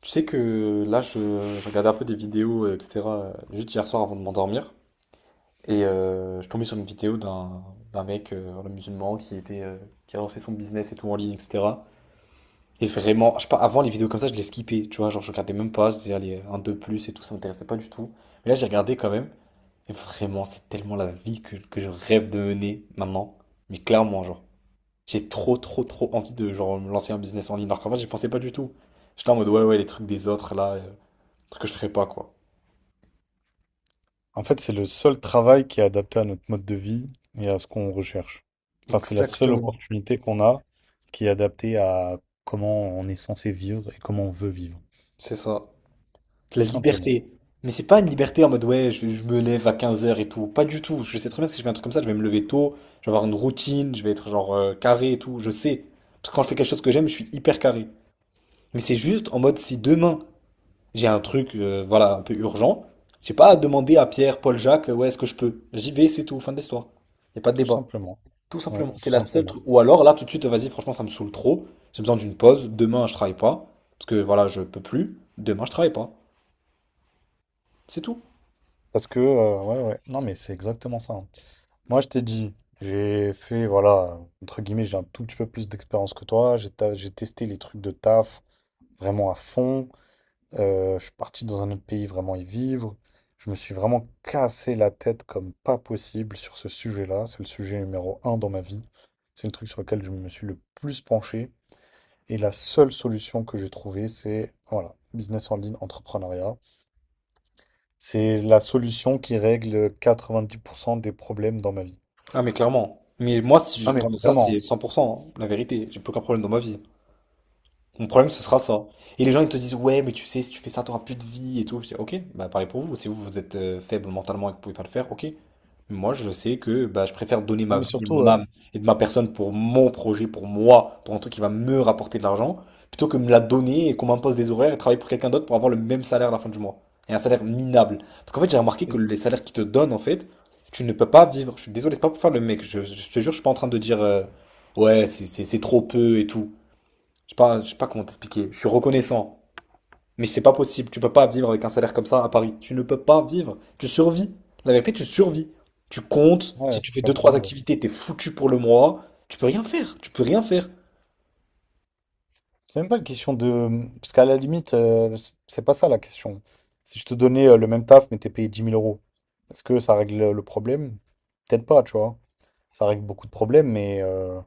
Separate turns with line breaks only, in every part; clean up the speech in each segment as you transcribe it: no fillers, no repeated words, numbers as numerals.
Tu sais que là, je regardais un peu des vidéos, etc., juste hier soir avant de m'endormir. Et je tombais sur une vidéo d'un mec, un musulman, qui était, qui a lancé son business et tout en ligne, etc. Et vraiment, je sais pas, avant, les vidéos comme ça, je les skippais, tu vois, genre je regardais même pas, je disais, allez, un, deux plus et tout, ça m'intéressait pas du tout. Mais là, j'ai regardé quand même. Et vraiment, c'est tellement la vie que je rêve de mener maintenant. Mais clairement, genre, j'ai trop, trop, trop envie de, genre, me lancer un business en ligne. Alors qu'en fait, j'y pensais pas du tout. J'étais là en mode, ouais, ouais, les trucs des autres, là, truc que je ferais pas, quoi.
En fait, c'est le seul travail qui est adapté à notre mode de vie et à ce qu'on recherche. Enfin, c'est la seule
Exactement.
opportunité qu'on a qui est adaptée à comment on est censé vivre et comment on veut vivre.
C'est ça.
Tout
La
simplement.
liberté. Mais c'est pas une liberté en mode ouais, je me lève à 15 heures et tout. Pas du tout. Je sais très bien que si je fais un truc comme ça, je vais me lever tôt, je vais avoir une routine, je vais être genre carré et tout. Je sais. Parce que quand je fais quelque chose que j'aime, je suis hyper carré. Mais c'est juste en mode si demain j'ai un truc, voilà, un peu urgent, j'ai pas à demander à Pierre, Paul, Jacques, ouais, est-ce que je peux? J'y vais, c'est tout, fin de l'histoire. Y a pas de
Tout
débat.
simplement.
Tout
Ouais,
simplement. C'est
tout
la seule
simplement.
truc. Ou alors, là, tout de suite, vas-y, franchement, ça me saoule trop. J'ai besoin d'une pause. Demain, je travaille pas. Parce que voilà, je peux plus. Demain, je travaille pas. C'est tout.
Parce que, ouais, ouais. Non, mais c'est exactement ça, hein. Moi, je t'ai dit, j'ai fait, voilà, entre guillemets, j'ai un tout petit peu plus d'expérience que toi. J'ai testé les trucs de taf vraiment à fond. Je suis parti dans un autre pays vraiment y vivre. Je me suis vraiment cassé la tête comme pas possible sur ce sujet-là. C'est le sujet numéro un dans ma vie. C'est le truc sur lequel je me suis le plus penché. Et la seule solution que j'ai trouvée, c'est voilà, business en ligne, entrepreneuriat. C'est la solution qui règle 90% des problèmes dans ma vie.
Ah, mais clairement. Mais moi, si
Ah
je
mais
t'en ai ça, c'est
vraiment.
100%, hein, la vérité. J'ai plus aucun problème dans ma vie. Mon problème, ce sera ça. Et les gens, ils te disent, ouais, mais tu sais, si tu fais ça, t'auras plus de vie et tout. Je dis, ok, bah parlez pour vous. Si vous, vous êtes faible mentalement et que vous pouvez pas le faire, ok. Mais moi, je sais que bah, je préfère donner
Ah
ma
mais
vie et
surtout,
mon âme et de ma personne pour mon projet, pour moi, pour un truc qui va me rapporter de l'argent, plutôt que me la donner et qu'on m'impose des horaires et travailler pour quelqu'un d'autre pour avoir le même salaire à la fin du mois. Et un salaire minable. Parce qu'en fait, j'ai remarqué que
et-
les salaires qu'ils te donnent, en fait, tu ne peux pas vivre. Je suis désolé, c'est pas pour faire le mec. Je te jure, je suis pas en train de dire, ouais, c'est trop peu et tout. Je sais pas comment t'expliquer. Je suis reconnaissant. Mais c'est pas possible. Tu peux pas vivre avec un salaire comme ça à Paris. Tu ne peux pas vivre. Tu survis. La vérité, tu survis. Tu comptes. Si
ouais,
tu fais deux,
comme tout le
trois
monde.
activités, t'es foutu pour le mois. Tu peux rien faire. Tu peux rien faire.
C'est même pas une question de... Parce qu'à la limite, c'est pas ça la question. Si je te donnais le même taf, mais t'es payé dix mille euros, est-ce que ça règle le problème? Peut-être pas, tu vois. Ça règle beaucoup de problèmes, mais, euh,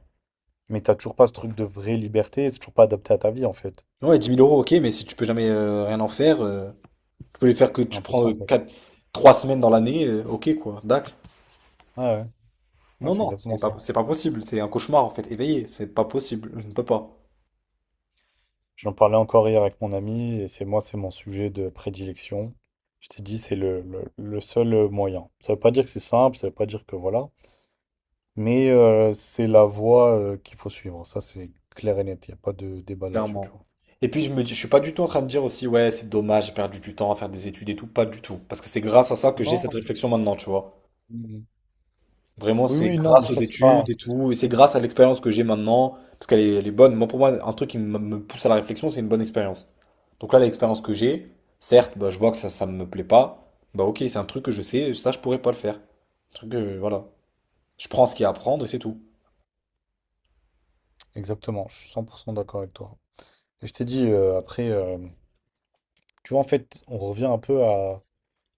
mais t'as toujours pas ce truc de vraie liberté, c'est toujours pas adapté à ta vie, en fait.
Ouais, 10 000 euros, ok, mais si tu peux jamais rien en faire, tu peux les faire que
C'est
tu
un peu ça,
prends
en fait.
4, 3 semaines dans l'année, ok quoi, d'accord.
Ouais, ouais. Ouais,
Non,
c'est
non,
exactement
c'est pas,
ça.
c'est pas possible. C'est un cauchemar en fait, éveillé. C'est pas possible. Je ne peux pas.
J'en parlais encore hier avec mon ami, et c'est moi, c'est mon sujet de prédilection. Je t'ai dit, c'est le seul moyen. Ça veut pas dire que c'est simple, ça veut pas dire que voilà. Mais c'est la voie qu'il faut suivre. Ça, c'est clair et net. Il n'y a pas de débat là-dessus, tu
Clairement.
vois.
Et puis je me dis, je suis pas du tout en train de dire aussi, ouais, c'est dommage, j'ai perdu du temps à faire des études et tout, pas du tout. Parce que c'est grâce à ça que j'ai cette
Non.
réflexion maintenant, tu vois.
mm,
Vraiment,
Oui,
c'est
oui, non,
grâce
mais
aux
ça, c'est pas...
études et tout, et c'est grâce à l'expérience que j'ai maintenant, parce qu'elle est bonne. Moi, pour moi, un truc qui me pousse à la réflexion, c'est une bonne expérience. Donc là, l'expérience que j'ai, certes, bah, je vois que ça me plaît pas, bah ok, c'est un truc que je sais, ça, je pourrais pas le faire. Un truc que, voilà. Je prends ce qu'il y a à prendre et c'est tout.
Exactement, je suis 100% d'accord avec toi. Et je t'ai dit, après, tu vois, en fait, on revient un peu à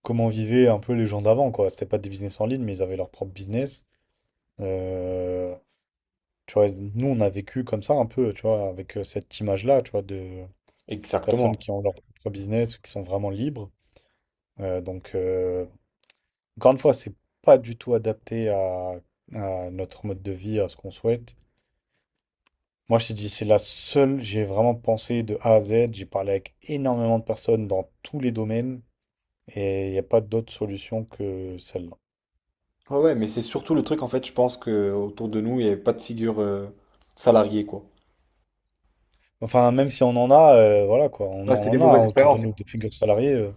comment vivaient un peu les gens d'avant, quoi. C'était pas des business en ligne, mais ils avaient leur propre business. Euh, Tu vois, nous, on a vécu comme ça un peu, tu vois, avec cette image-là, tu vois, de personnes
Exactement.
qui ont leur propre business, qui sont vraiment libres. Euh, donc, euh, Encore une fois, c'est pas du tout adapté à notre mode de vie, à ce qu'on souhaite. Moi, je t'ai dit, c'est la seule, j'ai vraiment pensé de A à Z, j'ai parlé avec énormément de personnes dans tous les domaines, et il n'y a pas d'autre solution que celle-là.
Ouais, ouais, mais c'est surtout le truc, en fait, je pense que autour de nous, il n'y avait pas de figure salariée, quoi.
Enfin, même si on en a, voilà quoi, on
Ouais,
en
c'était des
en a hein,
mauvaises
autour de
expériences.
nous, des figures salariées,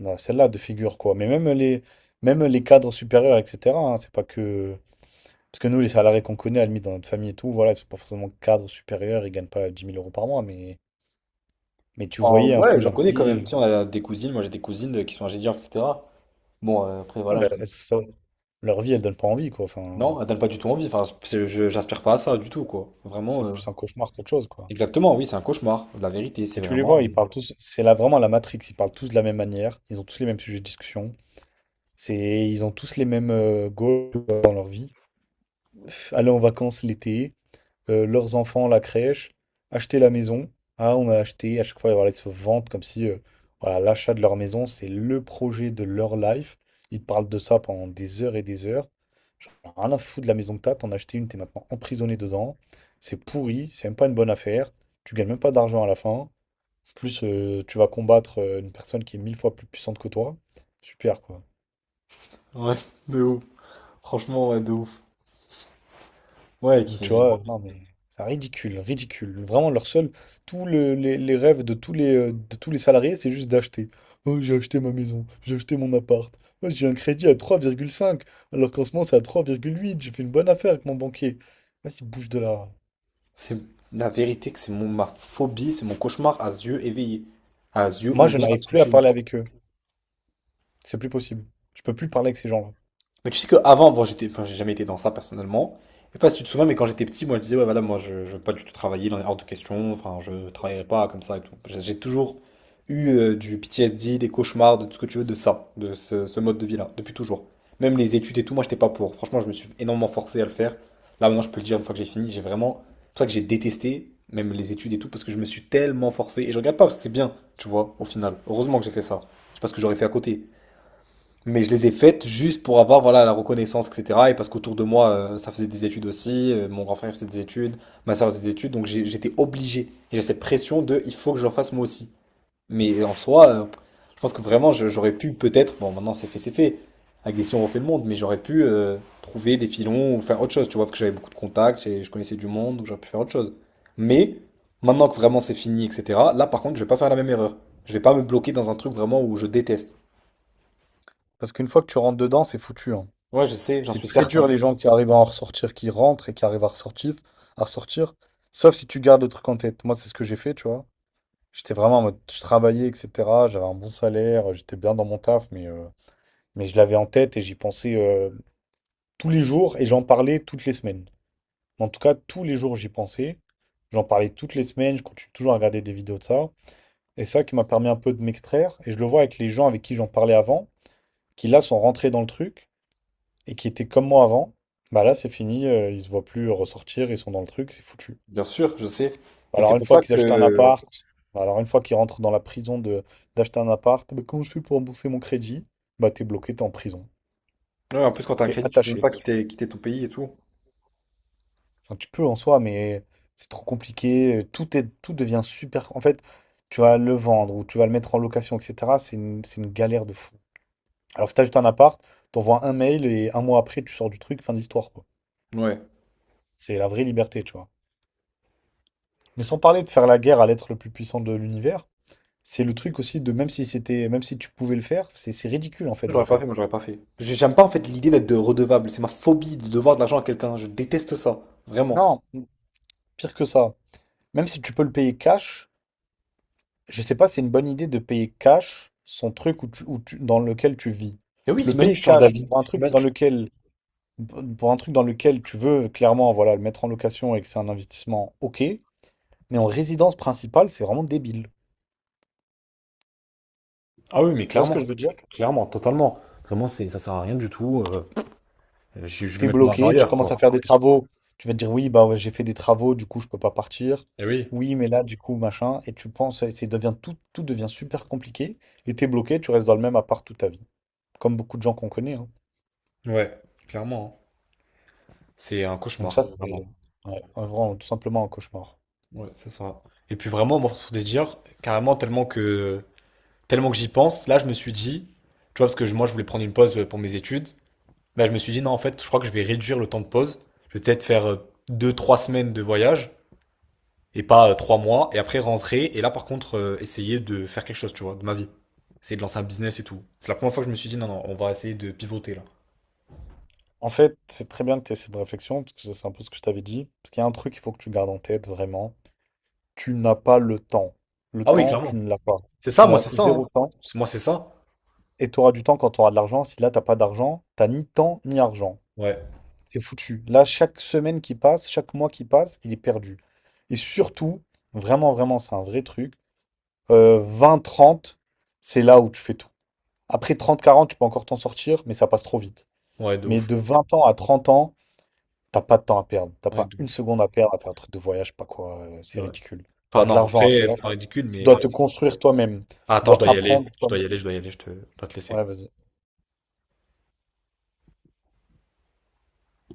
on a celle-là de figure quoi. Mais même les cadres supérieurs, etc., hein, c'est pas que. Parce que nous, les salariés qu'on connaît, à la limite, dans notre famille et tout, voilà, ils sont pas forcément cadres supérieurs, ils gagnent pas 10 000 € par mois, mais. Mais tu voyais un peu
Ouais, j'en
leur
connais quand même. Tu
vie.
sais, on a des cousines, moi j'ai des cousines qui sont ingénieurs, etc. Bon, après,
Non,
voilà,
leur vie, elle donne pas envie, quoi. Enfin,
non, elles donnent pas du tout envie. Enfin, j'aspire pas à ça du tout, quoi.
c'est
Vraiment,
plus un cauchemar qu'autre chose, quoi.
exactement, oui, c'est un cauchemar. La vérité,
Et
c'est
tu les
vraiment.
vois, ils parlent tous. C'est là vraiment la Matrix. Ils parlent tous de la même manière. Ils ont tous les mêmes sujets de discussion. C'est, ils ont tous les mêmes goals dans leur vie. Aller en vacances l'été, leurs enfants, la crèche, acheter la maison. Ah, on a acheté, à chaque fois, voilà, ils se vantent comme si voilà, l'achat de leur maison, c'est le projet de leur life. Ils te parlent de ça pendant des heures et des heures. J'en ai rien à foutre de la maison que t'as, t'en as acheté une, t'es maintenant emprisonné dedans. C'est pourri, c'est même pas une bonne affaire. Tu gagnes même pas d'argent à la fin. Plus tu vas combattre une personne qui est mille fois plus puissante que toi. Super, quoi.
Ouais, de ouf. Franchement, ouais, de ouf. Ouais,
Donc, tu
qui...
vois, non mais c'est ridicule, ridicule. Vraiment, tous les rêves de de tous les salariés, c'est juste d'acheter. Oh, j'ai acheté ma maison, j'ai acheté mon appart. Oh, j'ai un crédit à 3,5, alors qu'en ce moment c'est à 3,8. J'ai fait une bonne affaire avec mon banquier. Vas-y, bouge de là.
C'est la vérité que c'est ma phobie, c'est mon cauchemar à yeux éveillés. À yeux
Moi, je
ouverts, à
n'arrive
tout.
plus à parler avec eux. C'est plus possible. Je peux plus parler avec ces gens-là.
Mais tu sais qu'avant, bon, j'étais, enfin, j'ai jamais été dans ça personnellement. Je sais pas si tu te souviens, mais quand j'étais petit, moi, je disais, ouais, voilà, moi, je veux pas du tout travailler, dans est hors de question, enfin, je travaillerai pas comme ça et tout. J'ai toujours eu du PTSD, des cauchemars, de tout ce que tu veux, de ça, de ce, ce mode de vie-là, depuis toujours. Même les études et tout, moi, j'étais pas pour. Franchement, je me suis énormément forcé à le faire. Là, maintenant, je peux le dire, une fois que j'ai fini, j'ai vraiment. C'est pour ça que j'ai détesté, même les études et tout, parce que je me suis tellement forcé. Et je regarde pas, parce que c'est bien, tu vois, au final. Heureusement que j'ai fait ça. Je sais pas ce que j'aurais fait à côté. Mais je les ai faites juste pour avoir voilà, la reconnaissance, etc. Et parce qu'autour de moi, ça faisait des études aussi. Mon grand frère faisait des études, ma soeur faisait des études. Donc j'étais obligé. Et j'ai cette pression de il faut que je le fasse moi aussi. Mais en soi, je pense que vraiment, j'aurais pu peut-être. Bon, maintenant c'est fait, c'est fait. Avec des si on refait le monde. Mais j'aurais pu trouver des filons ou faire autre chose. Tu vois, parce que j'avais beaucoup de contacts et je connaissais du monde. Donc j'aurais pu faire autre chose. Mais maintenant que vraiment c'est fini, etc. Là, par contre, je vais pas faire la même erreur. Je vais pas me bloquer dans un truc vraiment où je déteste.
Parce qu'une fois que tu rentres dedans, c'est foutu, hein.
Ouais, je sais, j'en
C'est
suis
très dur
certain.
les gens qui arrivent à en ressortir, qui rentrent et qui arrivent à ressortir. Sauf si tu gardes le truc en tête. Moi, c'est ce que j'ai fait, tu vois. J'étais vraiment en mode, je travaillais, etc. J'avais un bon salaire, j'étais bien dans mon taf, mais je l'avais en tête et j'y pensais tous les jours et j'en parlais toutes les semaines. En tout cas, tous les jours, j'y pensais. J'en parlais toutes les semaines, je continue toujours à regarder des vidéos de ça. Et ça qui m'a permis un peu de m'extraire. Et je le vois avec les gens avec qui j'en parlais avant, qui là sont rentrés dans le truc et qui étaient comme moi avant. Bah là, c'est fini, ils se voient plus ressortir, ils sont dans le truc, c'est foutu.
Bien sûr, je sais. Et c'est
Alors une
pour
fois
ça
qu'ils achètent un
que...
appart, alors une fois qu'ils rentrent dans la prison de d'acheter un appart, bah, comment je fais pour rembourser mon crédit? Bah t'es bloqué, t'es en prison,
Ouais, en plus, quand t'as un
t'es
crédit, tu peux même
attaché.
pas quitter, quitter ton pays et tout.
Enfin, tu peux en soi, mais c'est trop compliqué. Tout devient super. En fait, tu vas le vendre ou tu vas le mettre en location, etc. C'est une galère de fou. Alors que si t'achètes un appart, t'envoies un mail et un mois après tu sors du truc, fin de l'histoire, quoi.
Ouais.
C'est la vraie liberté, tu vois. Mais sans parler de faire la guerre à l'être le plus puissant de l'univers, c'est le truc aussi de même si c'était, même si tu pouvais le faire, c'est ridicule en fait de le
J'aurais pas fait,
faire.
moi j'aurais pas fait. J'aime pas en fait l'idée d'être de redevable. C'est ma phobie de devoir de l'argent à quelqu'un. Je déteste ça. Vraiment.
Non, pire que ça. Même si tu peux le payer cash, je sais pas, c'est une bonne idée de payer cash son truc dans lequel tu vis.
Et oui,
Le
t'imagines,
payer
tu changes
cash
d'avis. Ima-
pour un truc dans lequel tu veux clairement, voilà, le mettre en location et que c'est un investissement, ok. Mais en résidence principale, c'est vraiment débile.
Ah oui, mais
Tu vois ce
clairement.
que je veux dire?
Clairement, totalement. Vraiment, c'est, ça sert à rien du tout. Je vais
T'es
mettre mon argent
bloqué, tu
ailleurs,
commences
quoi.
à faire des travaux. Tu vas te dire oui, bah ouais, j'ai fait des travaux, du coup je peux pas partir.
Eh oui.
Oui, mais là, du coup, machin. Et tu penses, et c'est devient tout devient super compliqué. Et t'es bloqué, tu restes dans le même appart toute ta vie, comme beaucoup de gens qu'on connaît, hein.
Ouais, clairement. Hein. C'est un
Donc
cauchemar,
ça, c'est
vraiment.
ouais, vraiment tout simplement un cauchemar.
Ouais, c'est ça. Et puis vraiment, moi, pour te dire, carrément tellement que j'y pense, là, je me suis dit, tu vois, parce que moi, je voulais prendre une pause pour mes études. Là, je me suis dit, non, en fait, je crois que je vais réduire le temps de pause. Je vais peut-être faire deux trois semaines de voyage et pas 3 mois, et après rentrer. Et là, par contre, essayer de faire quelque chose, tu vois, de ma vie. Essayer de lancer un business et tout. C'est la première fois que je me suis dit, non, non, on va essayer de pivoter là.
En fait, c'est très bien que tu aies cette réflexion, parce que ça, c'est un peu ce que je t'avais dit. Parce qu'il y a un truc qu'il faut que tu gardes en tête, vraiment. Tu n'as pas le temps. Le
Ah oui,
temps, tu
clairement.
ne l'as pas.
C'est
Tu
ça, moi,
n'as
c'est ça. Hein.
zéro temps.
Moi, c'est ça.
Et tu auras du temps quand tu auras de l'argent. Si là, t'as pas d'argent, t'as ni temps ni argent.
Ouais,
C'est foutu. Là, chaque semaine qui passe, chaque mois qui passe, il est perdu. Et surtout, vraiment, vraiment, c'est un vrai truc. Vingt, trente, c'est là où tu fais tout. Après trente quarante, tu peux encore t'en sortir, mais ça passe trop vite.
ouais, de
Mais
ouf.
de 20 ans à 30 ans, t'as pas de temps à perdre. T'as
Ouais,
pas
de
une
ouf.
seconde à perdre à faire un truc de voyage, je sais pas quoi.
C'est
C'est
vrai.
ridicule.
Enfin,
T'as de
non,
l'argent à
après,
faire.
pas ridicule,
Tu
mais.
dois te construire toi-même.
Ah,
Tu
attends, je
dois
dois y aller.
apprendre
Je dois y
toi-même.
aller, je dois y aller, je dois te laisser.
Ouais, vas-y.